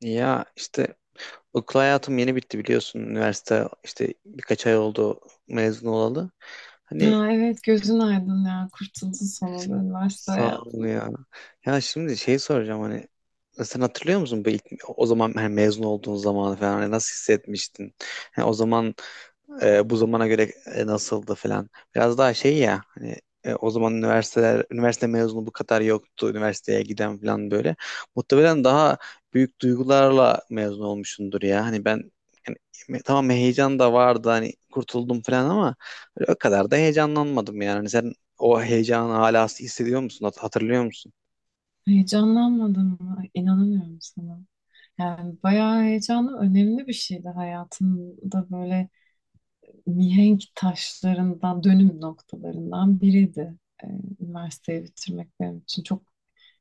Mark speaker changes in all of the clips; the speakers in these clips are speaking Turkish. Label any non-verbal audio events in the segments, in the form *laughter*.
Speaker 1: Ya işte okul hayatım yeni bitti biliyorsun. Üniversite işte birkaç ay oldu mezun olalı. Hani
Speaker 2: Ha, evet gözün aydın ya. Kurtuldun sonunda üniversite
Speaker 1: sağ ol
Speaker 2: hayatından.
Speaker 1: ya. Ya şimdi şey soracağım hani sen hatırlıyor musun bu ilk, o zaman hani mezun olduğun zamanı falan hani nasıl hissetmiştin? Yani o zaman bu zamana göre nasıldı falan. Biraz daha şey ya hani o zaman üniversite mezunu bu kadar yoktu. Üniversiteye giden falan böyle. Muhtemelen daha büyük duygularla mezun olmuşsundur ya. Hani ben yani, tamam heyecan da vardı hani kurtuldum falan ama öyle o kadar da heyecanlanmadım yani. Hani sen o heyecanı hala hissediyor musun? Hatırlıyor musun?
Speaker 2: Heyecanlanmadın mı? İnanamıyorum sana. Yani bayağı heyecanlı, önemli bir şeydi hayatımda böyle mihenk taşlarından, dönüm noktalarından biriydi. Ee, üniversiteyi bitirmek benim için çok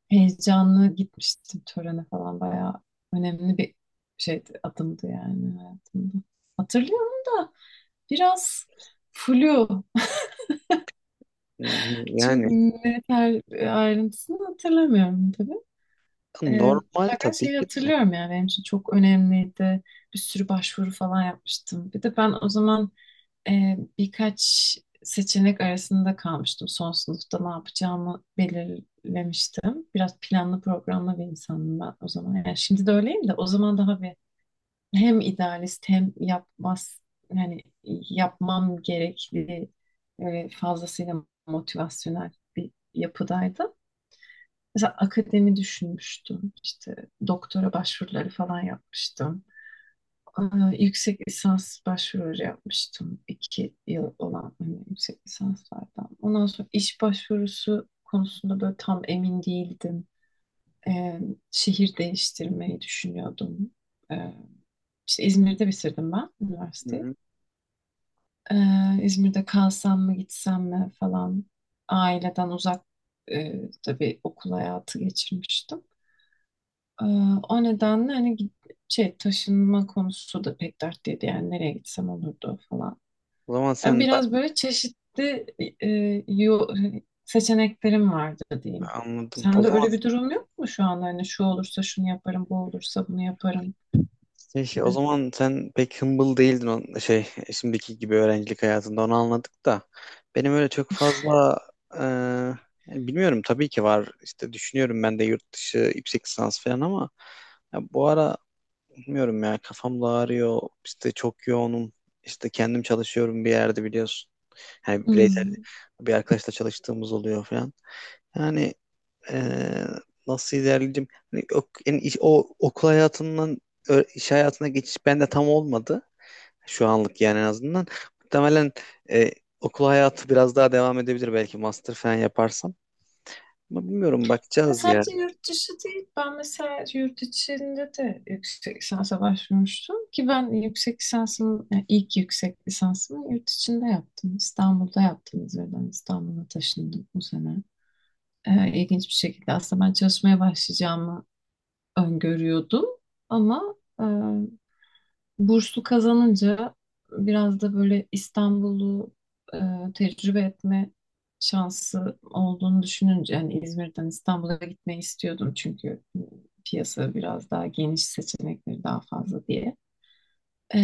Speaker 2: heyecanlı gitmiştim törene falan. Bayağı önemli bir şeydi, adımdı yani hayatımda. Hatırlıyorum da biraz flu.
Speaker 1: Hı hı.
Speaker 2: Çok
Speaker 1: Yani
Speaker 2: net her ayrıntısını hatırlamıyorum tabii. Ee,
Speaker 1: normal
Speaker 2: fakat
Speaker 1: tabii
Speaker 2: şeyi
Speaker 1: ki de.
Speaker 2: hatırlıyorum yani benim için çok önemliydi. Bir sürü başvuru falan yapmıştım. Bir de ben o zaman birkaç seçenek arasında kalmıştım. Son sınıfta ne yapacağımı belirlemiştim. Biraz planlı programlı bir insanım ben o zaman. Yani şimdi de öyleyim de o zaman daha bir hem idealist hem yapmaz yani yapmam gerekli böyle fazlasıyla motivasyonel bir yapıdaydım. Mesela akademi düşünmüştüm. İşte doktora başvuruları falan yapmıştım. Aa, yüksek lisans başvuruları yapmıştım. 2 yıl olan hani yüksek lisanslardan. Ondan sonra iş başvurusu konusunda böyle tam emin değildim. Ee, şehir değiştirmeyi düşünüyordum. Ee, işte İzmir'de bitirdim ben
Speaker 1: Hı
Speaker 2: üniversiteyi.
Speaker 1: hı.
Speaker 2: İzmir'de kalsam mı gitsem mi falan aileden uzak tabii okul hayatı geçirmiştim. Ee, o nedenle hani şey taşınma konusu da pek dertliydi yani nereye gitsem olurdu falan.
Speaker 1: O zaman
Speaker 2: Yani biraz böyle çeşitli e, yo- seçeneklerim vardı diyeyim.
Speaker 1: anladım. O
Speaker 2: Sende
Speaker 1: zaman
Speaker 2: öyle bir durum yok mu şu anda hani şu olursa şunu yaparım, bu olursa bunu yaparım
Speaker 1: O
Speaker 2: gibi.
Speaker 1: zaman sen pek humble değildin, o şey şimdiki gibi. Öğrencilik hayatında onu anladık da benim öyle çok fazla e, yani bilmiyorum, tabii ki var işte, düşünüyorum ben de yurt dışı yüksek lisans falan ama ya bu ara bilmiyorum ya, kafam da ağrıyor işte, çok yoğunum, işte kendim çalışıyorum bir yerde biliyorsun, yani bireysel
Speaker 2: Hmm.
Speaker 1: bir arkadaşla çalıştığımız oluyor falan. Yani eee, nasıl ilerleyeceğim? Hani o, yani o okul hayatından iş hayatına geçiş bende tam olmadı. Şu anlık yani en azından. Muhtemelen e, okul hayatı biraz daha devam edebilir belki, master falan yaparsam. Ama bilmiyorum,
Speaker 2: Ya
Speaker 1: bakacağız ya.
Speaker 2: sadece yurt dışı değil. Ben mesela yurt içinde de yüksek lisansa başvurmuştum ki ben yüksek lisansımı, yani ilk yüksek lisansımı yurt içinde yaptım. İstanbul'da yaptım. İzmir'den İstanbul'a taşındım bu sene. İlginç bir şekilde aslında ben çalışmaya başlayacağımı öngörüyordum ama burslu kazanınca biraz da böyle İstanbul'u e, tecrübe etme şansı olduğunu düşününce yani İzmir'den İstanbul'a gitmeyi istiyordum çünkü piyasa biraz daha geniş seçenekleri daha fazla diye. E,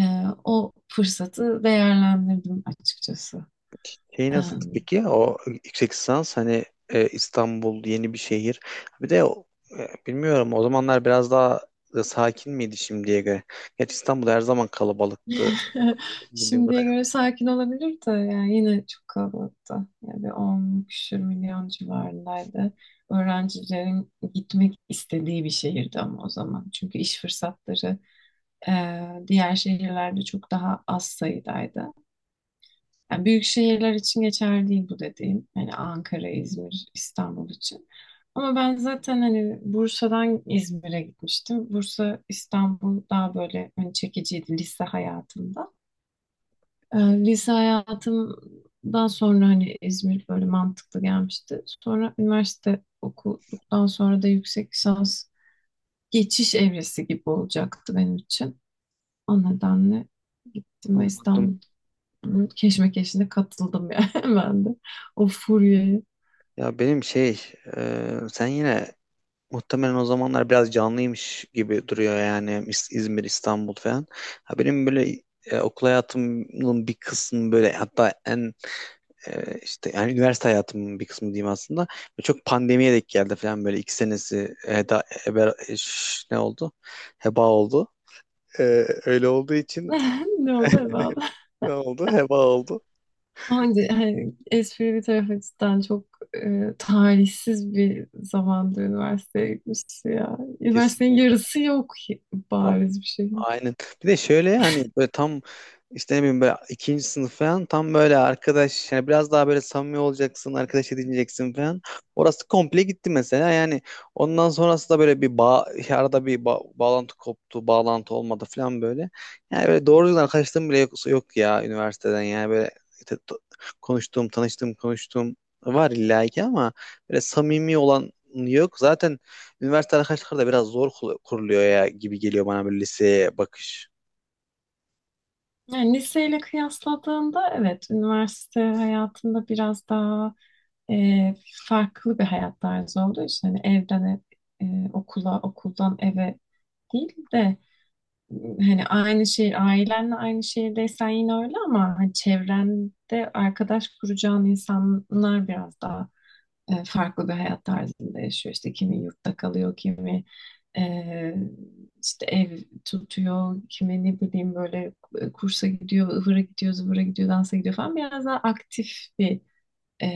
Speaker 2: o fırsatı değerlendirdim açıkçası.
Speaker 1: Şey
Speaker 2: E,
Speaker 1: nasıldı peki? O yüksek lisans hani, İstanbul yeni bir şehir. Bir de bilmiyorum, o zamanlar biraz daha sakin miydi şimdiye göre? Gerçi İstanbul her zaman kalabalıktı
Speaker 2: *laughs*
Speaker 1: bildiğim
Speaker 2: Şimdiye
Speaker 1: kadarıyla.
Speaker 2: göre sakin olabilir de yani yine çok kalabalıktı. Yani bir 10 küsür milyon civarındaydı. Öğrencilerin gitmek istediği bir şehirdi ama o zaman. Çünkü iş fırsatları e, diğer şehirlerde çok daha az sayıdaydı. Yani büyük şehirler için geçerli değil bu dediğim. Yani Ankara, İzmir, İstanbul için. Ama ben zaten hani Bursa'dan İzmir'e gitmiştim. Bursa, İstanbul daha böyle hani çekiciydi lise hayatımda. Lise hayatımdan sonra hani İzmir böyle mantıklı gelmişti. Sonra üniversite okuduktan sonra da yüksek lisans geçiş evresi gibi olacaktı benim için. O nedenle gittim ve
Speaker 1: Anladım.
Speaker 2: İstanbul'un keşmekeşine katıldım yani *laughs* ben de. O furyaya.
Speaker 1: Ya benim şey, sen yine muhtemelen o zamanlar biraz canlıymış gibi duruyor yani, İzmir, İstanbul falan. Ha benim böyle okul hayatımın bir kısmı böyle, hatta en işte yani üniversite hayatımın bir kısmı diyeyim aslında. Böyle çok pandemiye denk geldi falan, böyle 2 senesi ne oldu? Heba oldu. E, Öyle olduğu için
Speaker 2: *laughs* Ne oldu evladım?
Speaker 1: ne oldu? Heba oldu.
Speaker 2: Hani, hani espri bir tarafa cidden çok talihsiz bir zamanda üniversiteye gitmişti ya. Üniversitenin
Speaker 1: Kesinlikle.
Speaker 2: yarısı yok bariz bir şey.
Speaker 1: Aynen. Bir de şöyle hani, böyle tam işte, ne bileyim böyle ikinci sınıf falan, tam böyle arkadaş yani biraz daha böyle samimi olacaksın, arkadaş edineceksin falan. Orası komple gitti mesela. Yani ondan sonrası da böyle bir bağ, arada bir bağlantı koptu, bağlantı olmadı falan böyle. Yani böyle doğru düzgün arkadaşlığım bile yok, yok ya üniversiteden, yani böyle işte konuştuğum, tanıştığım, konuştuğum var illa ki ama böyle samimi olan yok. Zaten üniversite arkadaşlıkları da biraz zor kuruluyor ya, gibi geliyor bana, böyle liseye bakış.
Speaker 2: Yani liseyle kıyasladığında evet üniversite hayatında biraz daha e, farklı bir hayat tarzı olduğu için hani evden ev, okula okuldan eve değil de hani aynı şehir ailenle aynı şehirdeysen yine öyle ama hani çevrende arkadaş kuracağın insanlar biraz daha farklı bir hayat tarzında yaşıyor. İşte kimi yurtta kalıyor, kimi e, işte ev tutuyor, kimi ne bileyim böyle kursa gidiyor, ıvıra gidiyor, zıvıra gidiyor, dansa gidiyor falan. Biraz daha aktif bir e,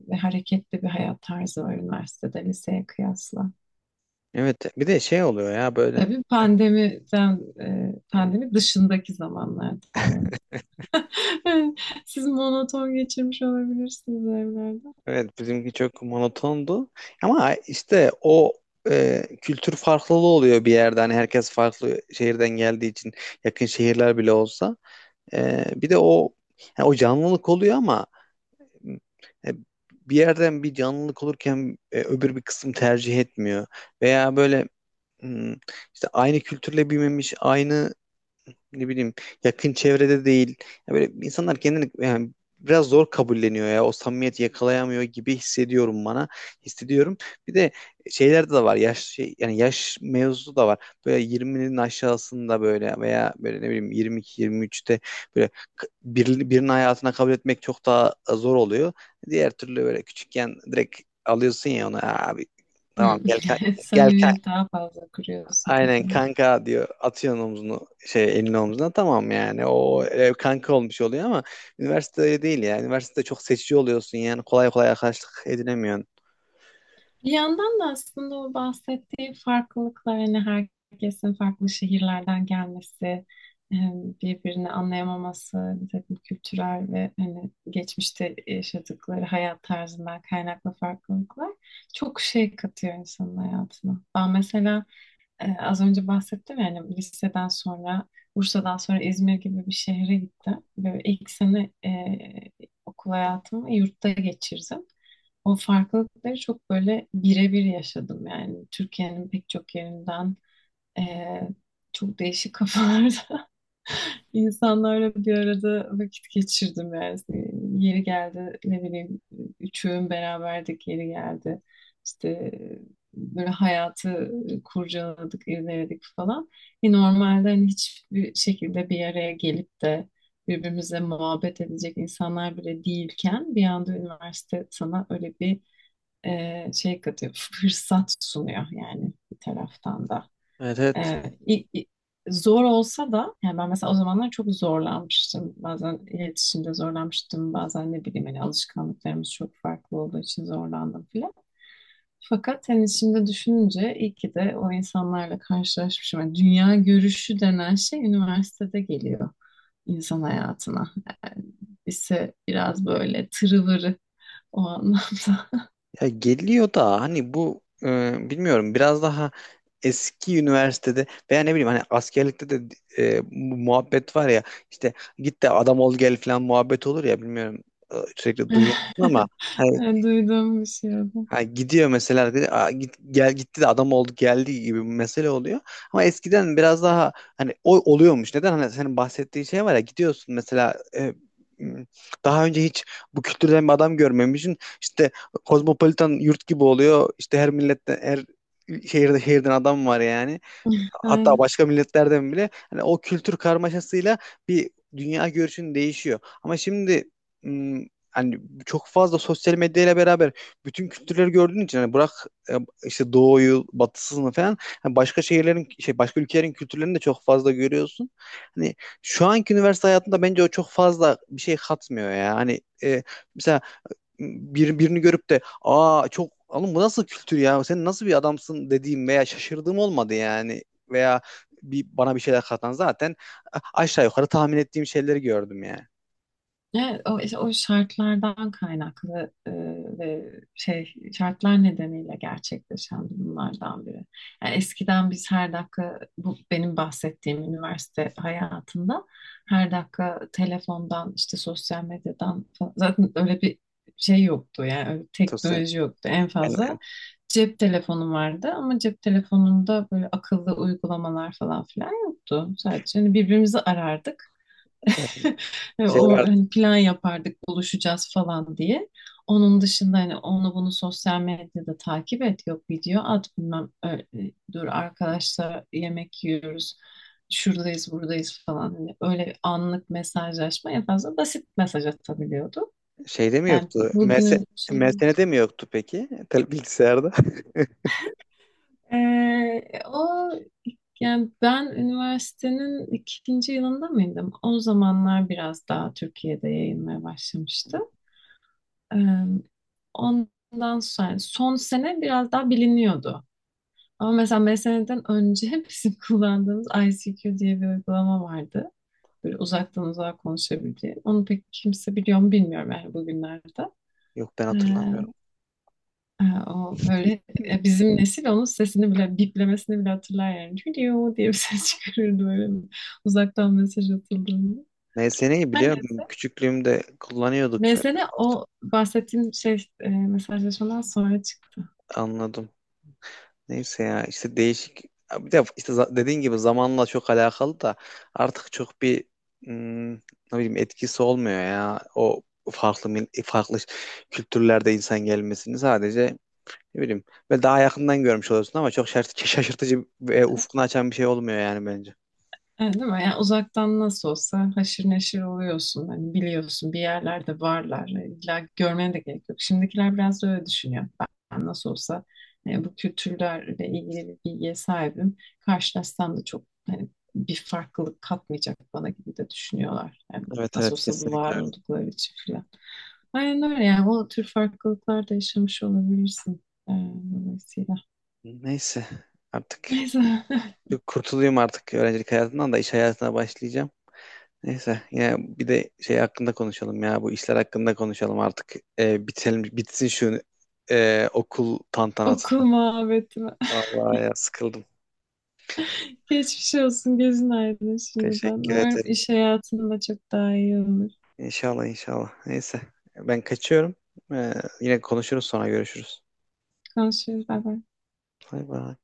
Speaker 2: ve hareketli bir hayat tarzı var üniversitede, liseye kıyasla.
Speaker 1: Evet, bir de şey oluyor ya böyle.
Speaker 2: Tabii pandemiden, pandemi dışındaki zamanlarda bu arada. *laughs* Siz monoton geçirmiş olabilirsiniz evlerde.
Speaker 1: Evet, bizimki çok monotondu ama işte o kültür farklılığı oluyor bir yerde, hani herkes farklı şehirden geldiği için, yakın şehirler bile olsa. Bir de o, yani o canlılık oluyor ama e, bir yerden bir canlılık olurken öbür bir kısım tercih etmiyor veya böyle, hmm, işte aynı kültürle büyümemiş, aynı ne bileyim, yakın çevrede değil. Ya böyle insanlar kendini yani biraz zor kabulleniyor ya, o samimiyeti yakalayamıyor gibi hissediyorum bana. Hissediyorum. Bir de şeylerde de var. Yaş şey, yani yaş mevzusu da var. Böyle 20'nin aşağısında böyle, veya böyle ne bileyim 22 23'te böyle birinin hayatına kabul etmek çok daha zor oluyor. Diğer türlü böyle küçükken direkt alıyorsun ya onu, "Aa abi, tamam
Speaker 2: Hmm.
Speaker 1: gel
Speaker 2: *laughs*
Speaker 1: gel."
Speaker 2: Samimiyet daha fazla kuruyorsun
Speaker 1: Aynen
Speaker 2: tabii.
Speaker 1: kanka diyor, atıyorsun omzunu, şey, elini omzuna, tamam, yani o kanka olmuş oluyor. Ama üniversitede değil ya, üniversitede çok seçici oluyorsun, yani kolay kolay arkadaşlık edinemiyorsun.
Speaker 2: Bir yandan da aslında o bahsettiği farklılıklar hani herkesin farklı şehirlerden gelmesi, e, birbirini anlayamaması, bir takım kültürel ve hani geçmişte yaşadıkları hayat tarzından kaynaklı farklılıklar çok şey katıyor insanın hayatına. Ben mesela az önce bahsettim yani liseden sonra Bursa'dan sonra İzmir gibi bir şehre gittim. Böyle ilk sene okul hayatımı yurtta geçirdim. O farklılıkları çok böyle birebir yaşadım yani Türkiye'nin pek çok yerinden e, çok değişik kafalarda *laughs* İnsanlarla bir arada vakit geçirdim yani. İşte yeri geldi ne bileyim üçüğün beraberdik yeri geldi. İşte böyle hayatı kurcaladık, irdeledik falan. E normalde hani hiçbir şekilde bir araya gelip de birbirimize muhabbet edecek insanlar bile değilken bir anda üniversite sana öyle bir şey katıyor, *laughs* fırsat sunuyor yani bir taraftan da.
Speaker 1: Evet, evet,
Speaker 2: Ee, i- i- zor olsa da yani ben mesela o zamanlar çok zorlanmıştım. Bazen iletişimde zorlanmıştım. Bazen ne bileyim hani alışkanlıklarımız çok farklı olduğu için zorlandım filan. Fakat hani şimdi düşününce iyi ki de o insanlarla karşılaşmışım. Yani dünya görüşü denen şey üniversitede geliyor insan hayatına. Yani lise biraz böyle tırıvırı o anlamda.
Speaker 1: ya geliyor da hani bu bilmiyorum, biraz daha eski üniversitede veya ne bileyim hani askerlikte de bu muhabbet var ya, işte "git de adam ol gel" falan muhabbet olur ya, bilmiyorum, sürekli duyuyorsun ama
Speaker 2: *laughs*
Speaker 1: hani.
Speaker 2: Yani duyduğum bir şey
Speaker 1: Ha, gidiyor mesela arkadaş, "Aa, git, gel, gitti de adam oldu geldi" gibi bir mesele oluyor. Ama eskiden biraz daha hani o oluyormuş. Neden? Hani senin bahsettiğin şey var ya, gidiyorsun mesela m, daha önce hiç bu kültürden bir adam görmemişsin. İşte kozmopolitan yurt gibi oluyor, İşte her milletten, her şehirden adam var yani, hatta
Speaker 2: oldu.
Speaker 1: başka milletlerden bile, hani o kültür karmaşasıyla bir dünya görüşün değişiyor. Ama şimdi hani çok fazla sosyal medyayla beraber bütün kültürleri gördüğün için, hani bırak e, işte doğuyu, batısını falan, hani başka şehirlerin, şey, başka ülkelerin kültürlerini de çok fazla görüyorsun. Hani şu anki üniversite hayatında bence o çok fazla bir şey katmıyor ya. Hani mesela birini görüp de "aa çok oğlum bu nasıl kültür ya, sen nasıl bir adamsın" dediğim veya şaşırdığım olmadı yani. Veya bir bana bir şeyler katan, zaten aşağı yukarı tahmin ettiğim şeyleri gördüm yani.
Speaker 2: Evet, o, işte o şartlardan kaynaklı ve şey şartlar nedeniyle gerçekleşen durumlardan biri. Yani eskiden biz her dakika bu benim bahsettiğim üniversite hayatında her dakika telefondan işte sosyal medyadan falan- zaten öyle bir şey yoktu yani öyle bir
Speaker 1: Tosya-
Speaker 2: teknoloji yoktu en fazla
Speaker 1: Aynen.
Speaker 2: cep telefonum vardı ama cep telefonunda böyle akıllı uygulamalar falan filan yoktu. Sadece hani birbirimizi arardık.
Speaker 1: Ee,
Speaker 2: *laughs*
Speaker 1: Şey
Speaker 2: O,
Speaker 1: var,
Speaker 2: hani plan yapardık buluşacağız falan diye. Onun dışında hani onu bunu sosyal medyada takip et yok video at bilmem öyle, dur arkadaşlar yemek yiyoruz şuradayız buradayız falan hani öyle anlık mesajlaşma en fazla basit mesaj atabiliyordu.
Speaker 1: şeyde mi
Speaker 2: Yani
Speaker 1: yoktu?
Speaker 2: bugünün şeyi.
Speaker 1: MSN'de mi yoktu peki? Bilgisayarda.
Speaker 2: O yani ben üniversitenin ikinci yılında mıydım? O zamanlar biraz daha Türkiye'de yayılmaya başlamıştı. Eee, Ondan sonra yani son sene biraz daha biliniyordu. Ama mesela 5 seneden önce *laughs* bizim kullandığımız ICQ diye bir uygulama vardı. Böyle uzaktan uzağa konuşabildiği. Onu pek kimse biliyor mu bilmiyorum yani bugünlerde.
Speaker 1: *laughs* Yok ben
Speaker 2: Ee,
Speaker 1: hatırlamıyorum.
Speaker 2: o böyle bizim nesil onun sesini bile biplemesini bile hatırlar yani. Video diye bir ses *laughs* çıkarırdı böyle uzaktan mesaj atıldığında.
Speaker 1: MSN'yi
Speaker 2: Her
Speaker 1: biliyorum.
Speaker 2: neyse.
Speaker 1: Küçüklüğümde kullanıyorduk be.
Speaker 2: Mesele
Speaker 1: Artık
Speaker 2: o bahsettiğim şey mesajlaşmadan sonra çıktı.
Speaker 1: anladım. Neyse ya işte, değişik. Bir de işte dediğin gibi zamanla çok alakalı da, artık çok bir ne bileyim etkisi olmuyor ya o farklı farklı kültürlerde insan gelmesini, sadece ne bileyim ve daha yakından görmüş oluyorsun ama çok *laughs* şaşırtıcı ve ufkunu açan bir şey olmuyor yani bence.
Speaker 2: Evet, değil mi? Yani uzaktan nasıl olsa haşır neşir oluyorsun. Hani biliyorsun bir yerlerde varlar. İlla görmene de gerek yok. Şimdikiler biraz da öyle düşünüyor. Ben nasıl olsa bu kültürlerle ilgili bir bilgiye sahibim. Karşılaşsam da çok hani bir farklılık katmayacak bana gibi de düşünüyorlar. Yani
Speaker 1: Evet,
Speaker 2: nasıl
Speaker 1: evet,
Speaker 2: olsa bu
Speaker 1: kesinlikle.
Speaker 2: var
Speaker 1: Öyle.
Speaker 2: oldukları için filan. Aynen öyle yani o tür farklılıklar da yaşamış olabilirsin. e, dolayısıyla.
Speaker 1: Neyse artık
Speaker 2: Neyse
Speaker 1: kurtulayım artık öğrencilik hayatından da, iş hayatına başlayacağım. Neyse ya, bir de şey hakkında konuşalım ya, bu işler hakkında konuşalım artık. Bitelim bitsin şu okul
Speaker 2: *laughs*
Speaker 1: tantanası.
Speaker 2: okul muhabbeti.
Speaker 1: Vallahi ya, sıkıldım.
Speaker 2: Geçmiş olsun. Gözün aydın şimdiden.
Speaker 1: Teşekkür
Speaker 2: Umarım
Speaker 1: ederim.
Speaker 2: iş hayatında çok daha iyi olur.
Speaker 1: İnşallah inşallah. Neyse ben kaçıyorum. Ee, Yine konuşuruz, sonra görüşürüz.
Speaker 2: Konuşuruz. Bay bay.
Speaker 1: Bay bay.